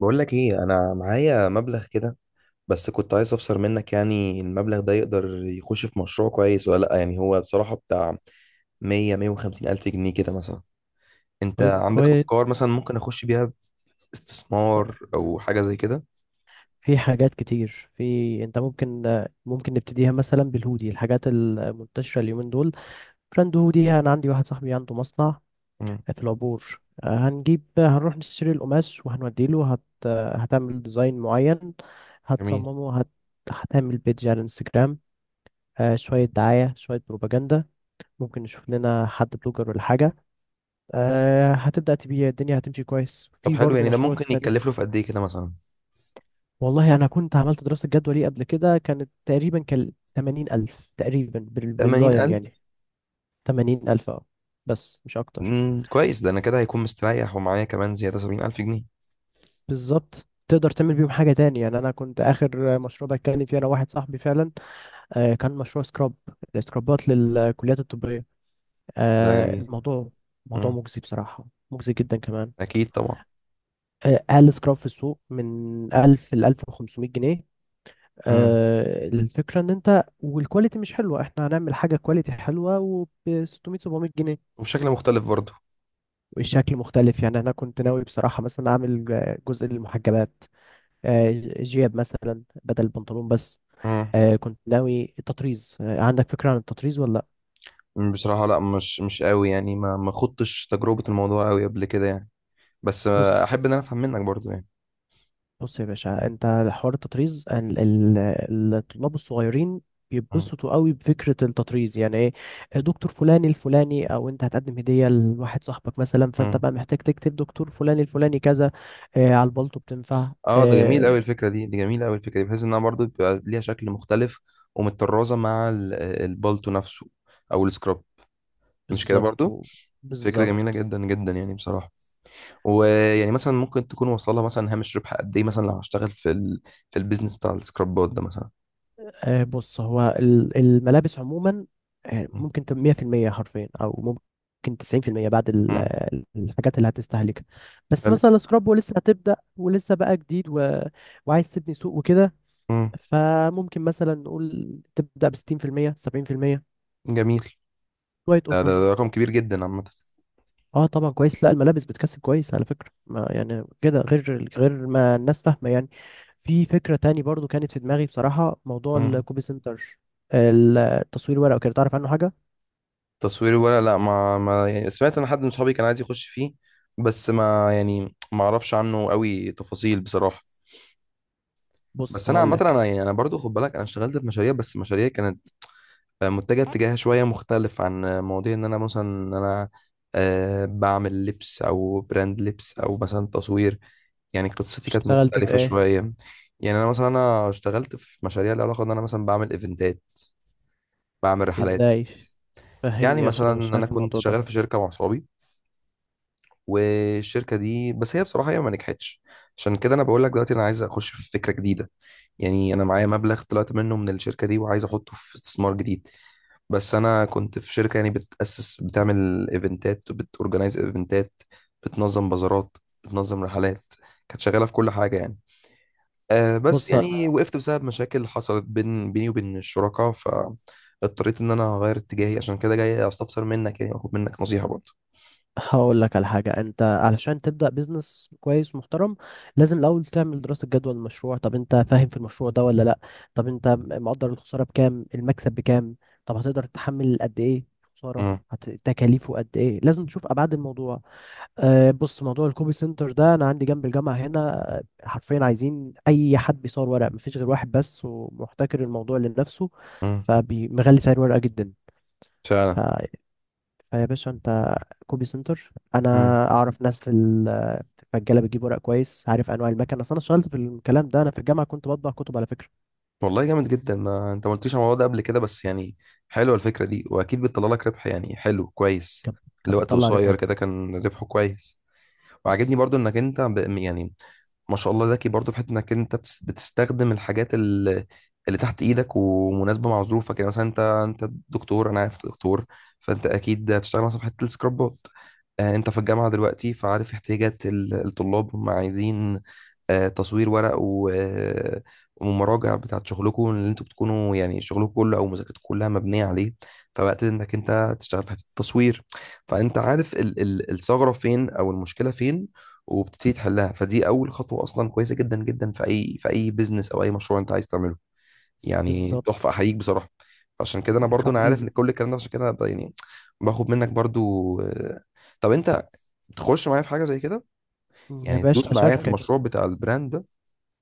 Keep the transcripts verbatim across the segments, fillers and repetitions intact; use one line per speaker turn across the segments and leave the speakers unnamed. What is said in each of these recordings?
بقول لك ايه؟ انا معايا مبلغ كده، بس كنت عايز افسر منك، يعني المبلغ ده يقدر يخش في مشروع كويس ولا لا؟ يعني هو بصراحة بتاع مية مية وخمسين الف جنيه كده مثلا. انت
طيب،
عندك
كويس.
افكار مثلا ممكن اخش بيها استثمار او حاجة زي كده؟
في حاجات كتير، في انت ممكن ممكن نبتديها مثلا بالهودي، الحاجات المنتشرة اليومين دول. براند هودي، انا عندي واحد صاحبي عنده مصنع
امم.
في العبور. آه، هنجيب هنروح نشتري القماش وهنوديله هت... هتعمل ديزاين معين.
جميل.
هتصممه هت... هتعمل بيدج على الانستجرام. آه، شوية دعاية شوية بروباجندا. ممكن نشوف لنا حد بلوجر ولا حاجة. آه، هتبدأ تبيع، الدنيا هتمشي كويس،
طب
في
حلو،
برضه
يعني ده
مشروع
ممكن
تاني.
يتكلف له في قد ايه كده مثلا؟
والله أنا كنت عملت دراسة جدوى ليه قبل كده، كانت تقريبا كان 80 ألف تقريبا بال-
ثمانين
باللايم
الف؟
يعني. 80 ألف، أه. بس مش أكتر.
امم، كويس. ده انا كده هيكون مستريح ومعايا كمان زيادة سبعين الف جنيه.
بالظبط، تقدر تعمل بيهم حاجة تاني. يعني أنا كنت آخر مشروع بتكلم فيه أنا واحد صاحبي فعلا، آه كان مشروع سكراب. السكرابات للكليات الطبية.
ده
آه
جميل.
الموضوع موضوع
امم.
مجزي بصراحة، مجزي جدا كمان.
اكيد طبعا.
آه أقل سكراب في السوق من ألف ل ألف وخمسمائة جنيه.
امم.
آه، الفكرة ان انت والكواليتي مش حلوة، احنا هنعمل حاجة كواليتي حلوة، وب ستمائة سبعمية جنيه.
وبشكل مختلف برضه.
والشكل مختلف، يعني انا كنت ناوي بصراحة مثلا اعمل آه، جزء للمحجبات. آه، جياب مثلا بدل البنطلون بس. آه، كنت ناوي التطريز. آه، عندك فكرة عن التطريز ولا لأ؟
مم، بصراحة لا، مش مش قوي يعني، ما ما خضتش تجربة الموضوع قوي قبل كده يعني. بس آه،
بص،
احب ان انا افهم منك برضو يعني.
بص يا باشا انت. حوار التطريز، ال- ال- الطلاب الصغيرين
مم.
بيتبسطوا قوي بفكرة التطريز، يعني ايه؟ دكتور فلاني الفلاني، او انت هتقدم هدية لواحد صاحبك مثلا، فانت
مم.
بقى محتاج تكتب دكتور فلاني الفلاني كذا. اه، على البلطو بتنفع.
اه، ده جميل قوي
اه
الفكرة دي دي جميلة قوي، الفكرة دي بحيث انها برضو بيبقى ليها شكل مختلف ومتطرزة مع ال- البالتو نفسه، او السكراب، مش كده
بالظبط
برضو؟
و-
فكرة جميلة
بالظبط.
جدا جدا يعني بصراحة. ويعني مثلا ممكن تكون واصلة مثلا هامش ربح قد ايه مثلا لو هشتغل في ال... في البيزنس بتاع السكرابات ده مثلا.
آه، بص هو ال- الملابس عموما، آه،
مم.
ممكن تبقى مئة بالمئة حرفيا، او ممكن تسعين بالمية بعد ال-
مم.
آه، الحاجات اللي هتستهلكها. بس
حلو.
مثلا السكراب، ولسه هتبدأ ولسه بقى جديد و... وعايز تبني سوق وكده.
مم.
فممكن مثلا نقول تبدأ ب ستين بالمية سبعين بالمية.
جميل.
شوية
ده, ده, ده
اوفرز.
رقم كبير جدا عامة.
اه طبعا كويس، لا الملابس بتكسب كويس على فكرة، ما يعني كده غير غير ما الناس فاهمة يعني. في فكرة تاني برضو كانت في دماغي بصراحة، موضوع
مم.
الكوبي سنتر. التصوير ورق وكده، تعرف عنه حاجة؟
تصويري ولا لا؟ ما, ما يعني سمعت ان حد من صحابي كان عايز يخش فيه، بس ما يعني ما اعرفش عنه قوي تفاصيل بصراحه.
بص
بس انا
هقول
عامه
لك.
انا يعني انا برضو، خد بالك، انا اشتغلت في مشاريع، بس مشاريع كانت آه، متجهه اتجاهها شويه مختلف عن آه، مواضيع ان انا مثلا ان انا آه، بعمل لبس او براند لبس او مثلا تصوير. يعني قصتي كانت
اشتغلت في
مختلفه
ايه؟
شويه. يعني انا مثلا انا اشتغلت في مشاريع لها علاقه ان انا مثلا بعمل ايفنتات، بعمل رحلات.
ازاي؟
يعني
فهمني عشان
مثلا
انا مش
انا
عارف
كنت
الموضوع ده.
شغال في شركه مع صحابي، والشركه دي بس هي بصراحه هي ما نجحتش. عشان كده انا بقول لك دلوقتي انا عايز اخش في فكره جديده. يعني انا معايا مبلغ طلعت منه من الشركه دي، وعايز احطه في استثمار جديد. بس انا كنت في شركه يعني بتاسس، بتعمل ايفنتات وبتورجنايز ايفنتات، بتنظم بازارات، بتنظم رحلات، كانت شغاله في كل حاجه يعني. أه بس
بص
يعني وقفت بسبب مشاكل حصلت بين بيني وبين الشركاء، فاضطريت ان انا اغير اتجاهي. عشان كده جاي استفسر منك يعني، واخد منك نصيحه برضه.
هقول لك على حاجه، انت علشان تبدا بيزنس كويس ومحترم، لازم الاول تعمل دراسه جدوى للمشروع. طب انت فاهم في المشروع ده ولا لا؟ طب انت مقدر الخساره بكام، المكسب بكام؟ طب هتقدر تتحمل قد ايه خساره؟ هت- تكاليفه قد ايه؟ لازم تشوف ابعاد الموضوع. أه بص، موضوع الكوبي سنتر ده انا عندي جنب الجامعه هنا، آه، حرفيا عايزين اي حد بيصور ورق. مفيش غير واحد بس، ومحتكر الموضوع لنفسه،
امم.
فمغلي سعر ورقه جدا.
فعلا.
ف- فيا باشا انت، كوبي سنتر، انا اعرف ناس في ال- في الرجاله بتجيب ورق كويس، عارف انواع المكن، اصل انا اشتغلت في الكلام ده، انا في الجامعه كنت بطبع كتب على فكره.
والله جامد جدا، ما انت ما قلتليش على الموضوع ده قبل كده، بس يعني حلوه الفكره دي، واكيد بتطلع لك ربح، يعني حلو كويس.
كانت كانت
لوقت
بتطلع ربح.
قصير كده كان ربحه كويس. وعاجبني
بس
برضو انك انت ب... يعني ما شاء الله ذكي برضه في حته انك انت بتس- بتستخدم الحاجات اللي, اللي تحت ايدك ومناسبه مع ظروفك. يعني مثلا انت انت دكتور، انا عارف انت دكتور، فانت اكيد هتشتغل مثلا في حته السكرابات. آه، انت في الجامعه دلوقتي، فعارف احتياجات ال- الطلاب هم عايزين آه، تصوير ورق و- آه، ومراجع بتاعت شغلكم اللي انتوا بتكونوا، يعني شغلكم كله او مذاكرتكم كلها مبنيه عليه. فوقت انك انت تشتغل في حته التصوير، فانت عارف ال- ال- الثغره فين او المشكله فين، وبتبتدي تحلها. فدي اول خطوه اصلا كويسه جدا جدا في اي، في اي بيزنس او اي مشروع انت عايز تعمله. يعني
بالظبط.
تحفه، احييك بصراحه. عشان كده انا
يا
برضو انا عارف ان
حبيبي.
كل الكلام ده، عشان كده ب- يعني باخد منك برضو آه، طب انت تخش معايا في حاجه زي كده؟
يا
يعني تدوس
باشا
معايا في
شركه،
المشروع بتاع البراند ده،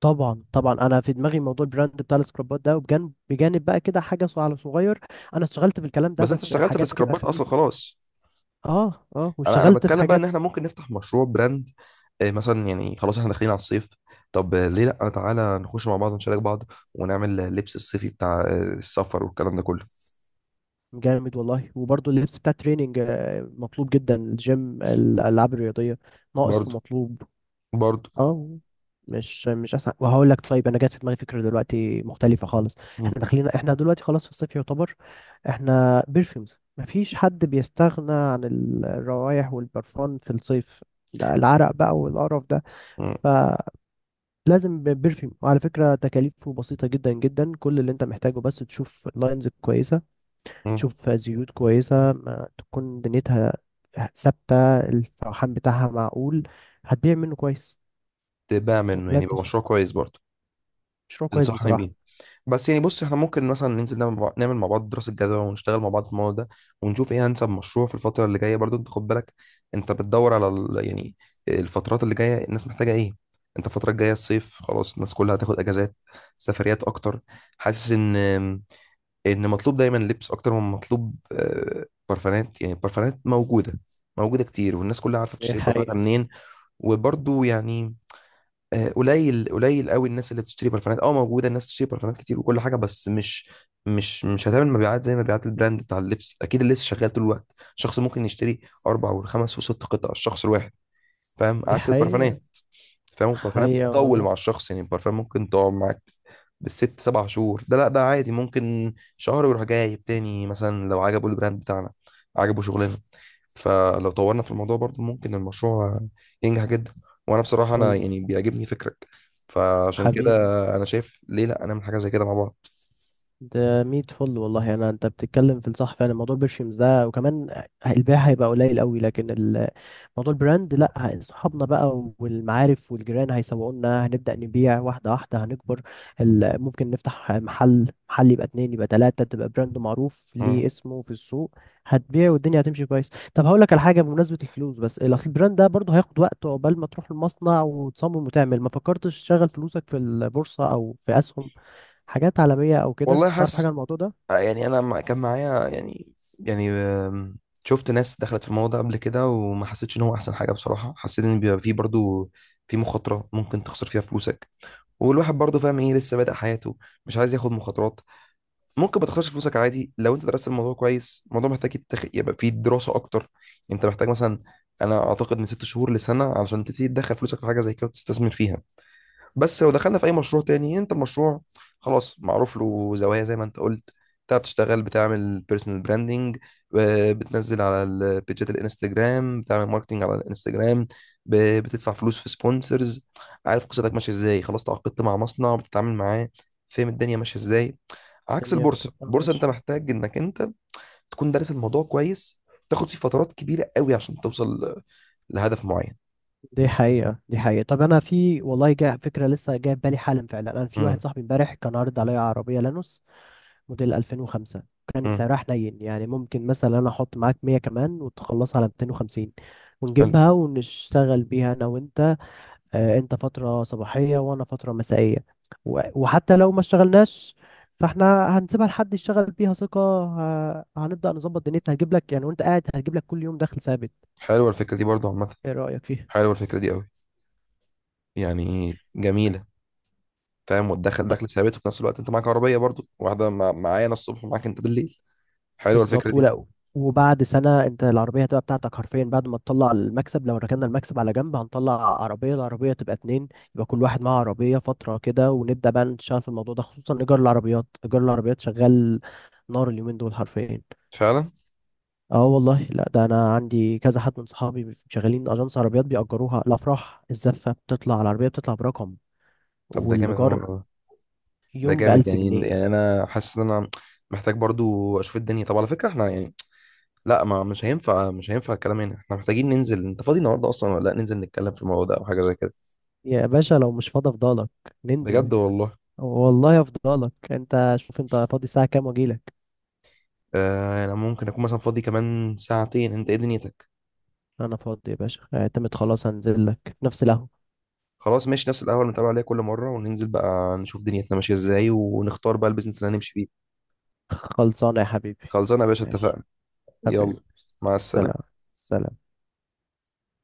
طبعا طبعا. انا في دماغي موضوع البراند بتاع السكرابات ده، وبجانب بجانب بقى كده حاجه صو- على صغير. انا اشتغلت في الكلام ده
بس انت
بس
اشتغلت في
حاجات كده
سكرابات اصلا
خفيفه.
خلاص.
اه اه،
انا انا
واشتغلت في
بتكلم بقى
حاجات.
ان احنا ممكن نفتح مشروع براند. آه، مثلا يعني خلاص احنا داخلين على الصيف. طب آه، ليه لا؟ تعالى نخش مع بعض، نشارك بعض ونعمل لبس الصيفي بتاع آه، السفر والكلام ده كله.
جامد والله. وبرضه اللبس بتاع التريننج آه، مطلوب جدا. الجيم، الالعاب الرياضيه، ناقص
برضو.
ومطلوب.
برضو.
اه. مش مش اسهل، وهقول لك. طيب انا جات في دماغي فكره دلوقتي مختلفه خالص.
مم.
احنا داخلين، احنا دلوقتي خلاص في الصيف يعتبر. احنا بيرفيومز، مفيش حد بيستغنى عن الروائح والبرفان في الصيف، ده العرق بقى والقرف ده.
مم.
فلازم بيرفيوم. وعلى فكرة تكاليفه بسيطة جدا جدا، كل اللي انت محتاجه بس تشوف لاينز كويسة،
مم.
تشوف زيوت كويسة، ما تكون دنيتها ثابتة، الفوحان بتاعها معقول، هتبيع منه كويس.
تبقى منه،
ولا
يعني
انت؟
يبقى مشروع كويس برضه؟
مشروع كويس
تنصحني
بصراحة.
بيه؟ بس يعني بص، احنا ممكن مثلا ننزل نعمل مع نعمل مع بعض دراسة جدوى ونشتغل مع بعض في الموضوع ده، ونشوف ايه انسب مشروع في الفترة اللي جاية. برضه انت خد بالك، انت بتدور على ال... يعني الفترات اللي جاية الناس محتاجة ايه. انت الفترة الجاية الصيف، خلاص الناس كلها هتاخد اجازات، سفريات اكتر. حاسس ان ان مطلوب دايما لبس اكتر من مطلوب آه، برفانات. يعني البرفانات موجودة، موجودة كتير، والناس كلها عارفة
دي
بتشتري برفانات
حقيقة.
منين، وبرضه يعني آه، قليل قليل قوي الناس اللي بتشتري برفانات. اه موجوده الناس بتشتري برفانات كتير وكل حاجه، بس مش مش مش هتعمل مبيعات زي مبيعات البراند بتاع اللبس. اكيد اللبس شغال طول الوقت، شخص ممكن يشتري اربع وخمس وست قطع الشخص الواحد. فاهم؟
دي
عكس
حقيقة.
البرفانات. فاهم؟ البرفانات
حقيقة
بتطول
والله.
مع الشخص، يعني البرفان ممكن تقعد معاك بالست سبع شهور. ده لا، ده عادي ممكن شهر ويروح جايب تاني، مثلا لو عجبه البراند بتاعنا، عجبه شغلنا. فلو طورنا في الموضوع برضو ممكن المشروع ينجح جدا. وانا بصراحة انا
والله
يعني بيعجبني فكرك. فعشان كده
حبيبي.
انا شايف ليه لا نعمل حاجة زي كده مع بعض.
ده ميت فل والله، أنا أنت بتتكلم في الصح فعلا. موضوع برشيمز ده وكمان البيع هيبقى قليل قوي، لكن موضوع البراند لا، ه- صحابنا بقى والمعارف والجيران هيسوقونا. هنبدأ نبيع واحدة واحدة، هنكبر. ال- ممكن نفتح محل، محل يبقى اتنين، يبقى تلاتة، تبقى براند معروف ليه
مم.
اسمه في السوق. هتبيع والدنيا هتمشي كويس. طب هقول لك على حاجة، بمناسبة الفلوس، بس ال- اصل البراند ده برضه هياخد وقت عقبال ما تروح المصنع وتصمم وتعمل. ما فكرتش تشغل فلوسك في البورصة او في اسهم، حاجات عالمية او كده؟
والله
تعرف حاجة
حاسس
عن الموضوع ده؟
آه، يعني انا مع- كان معايا يعني يعني آم، شفت ناس دخلت في الموضوع ده قبل كده وما حسيتش ان هو احسن حاجة بصراحة. حسيت ان بيبقى فيه برضو في مخاطرة ممكن تخسر فيها فلوسك. والواحد برضو فاهم ايه، لسه بادئ حياته، مش عايز ياخد مخاطرات. ممكن ما تخسرش فلوسك عادي لو انت درست الموضوع كويس. الموضوع محتاج يتخ... يبقى فيه دراسه اكتر. انت محتاج مثلا، انا اعتقد، من ست شهور لسنه علشان تبتدي تدخل فلوسك في حاجه زي كده وتستثمر فيها. بس لو دخلنا في اي مشروع تاني، يعني انت المشروع خلاص معروف له زوايا زي ما انت قلت. انت بتشتغل، بتعمل بيرسونال براندنج، بتنزل على البيجات الانستجرام، بتعمل ماركتنج على الانستجرام، ب- بتدفع فلوس في سبونسرز. عارف قصتك ماشيه ازاي. خلاص تعاقدت مع مصنع بتتعامل معاه، فاهم الدنيا ماشيه ازاي. عكس
الدنيا
البورصه،
بتبقى
البورصه انت
ماشية.
محتاج انك انت تكون دارس الموضوع كويس، تاخد فيه فترات كبيره قوي عشان توصل لهدف معين.
دي حقيقة، دي حقيقة. طب أنا في والله، جاء فكرة لسه جاية في بالي حالا فعلا. أنا في واحد
امم.
صاحبي امبارح كان عارض عليا عربية لانوس موديل ألفين وخمسة، كانت
امم.
سعرها حنين. يعني ممكن مثلا أنا أحط معاك مية كمان وتخلصها على مئتين وخمسين،
حلو.
ونجيبها ونشتغل بيها أنا وأنت. آه أنت فترة صباحية وأنا فترة مسائية. و- وحتى لو ما اشتغلناش، فاحنا هنسيبها لحد يشتغل بيها ثقة. ه- هنبدأ نظبط دنيتها، هتجيب لك يعني وأنت قاعد، هتجيب لك كل يوم دخل ثابت.
حلوه الفكره دي برضو عامه.
إيه رأيك فيها؟
حلوه الفكره دي قوي، يعني جميله. فاهم؟ وتدخل دخل ثابت، وفي نفس الوقت انت معاك عربيه برضو واحده مع... معايا انا الصبح ومعاك انت بالليل. حلوه الفكره
بالظبط،
دي.
ولا؟ وبعد سنة انت العربية هتبقى بتاعتك حرفيا، بعد ما تطلع المكسب. لو ركننا المكسب على جنب، هنطلع عربية، العربية تبقى اتنين، يبقى كل واحد معاه عربية فترة كده، ونبدأ بقى نشتغل في الموضوع ده. خصوصا إيجار العربيات، إيجار العربيات شغال نار اليومين دول حرفيا.
فعلا.
اه والله لا، ده انا عندي كذا حد من صحابي شغالين اجانس عربيات بيأجروها. الافراح، الزفة بتطلع العربية بتطلع برقم،
طب ده جامد أوي يا
والإيجار
ماما. ده
يوم
جامد،
بألف
يعني يعني
جنيه.
انا حاسس ان انا محتاج برضو اشوف الدنيا. طب على فكره احنا يعني لا، ما مش هينفع، مش هينفع الكلام هنا. احنا محتاجين ننزل. انت فاضي النهارده اصلا ولا لا؟ ننزل نتكلم في الموضوع ده او حاجه زي كده.
يا باشا لو مش فاضي افضلك، ننزل.
بجد والله.
والله افضلك. انت شوف انت فاضي الساعة كام واجيلك.
آه انا ممكن اكون مثلا فاضي كمان ساعتين، انت ايه دنيتك؟
انا فاضي يا باشا، اعتمد خلاص، هنزل لك في نفس القهوة.
خلاص ماشي، نفس القهوه اللي بنتقابل عليها كل مره، وننزل بقى نشوف دنيتنا ماشيه ازاي ونختار بقى البيزنس اللي هنمشي فيه.
خلصانة يا حبيبي.
خلصانه يا باشا،
ماشي.
اتفقنا. يلا.
حبيبي.
مع
سلام.
السلامه.
سلام.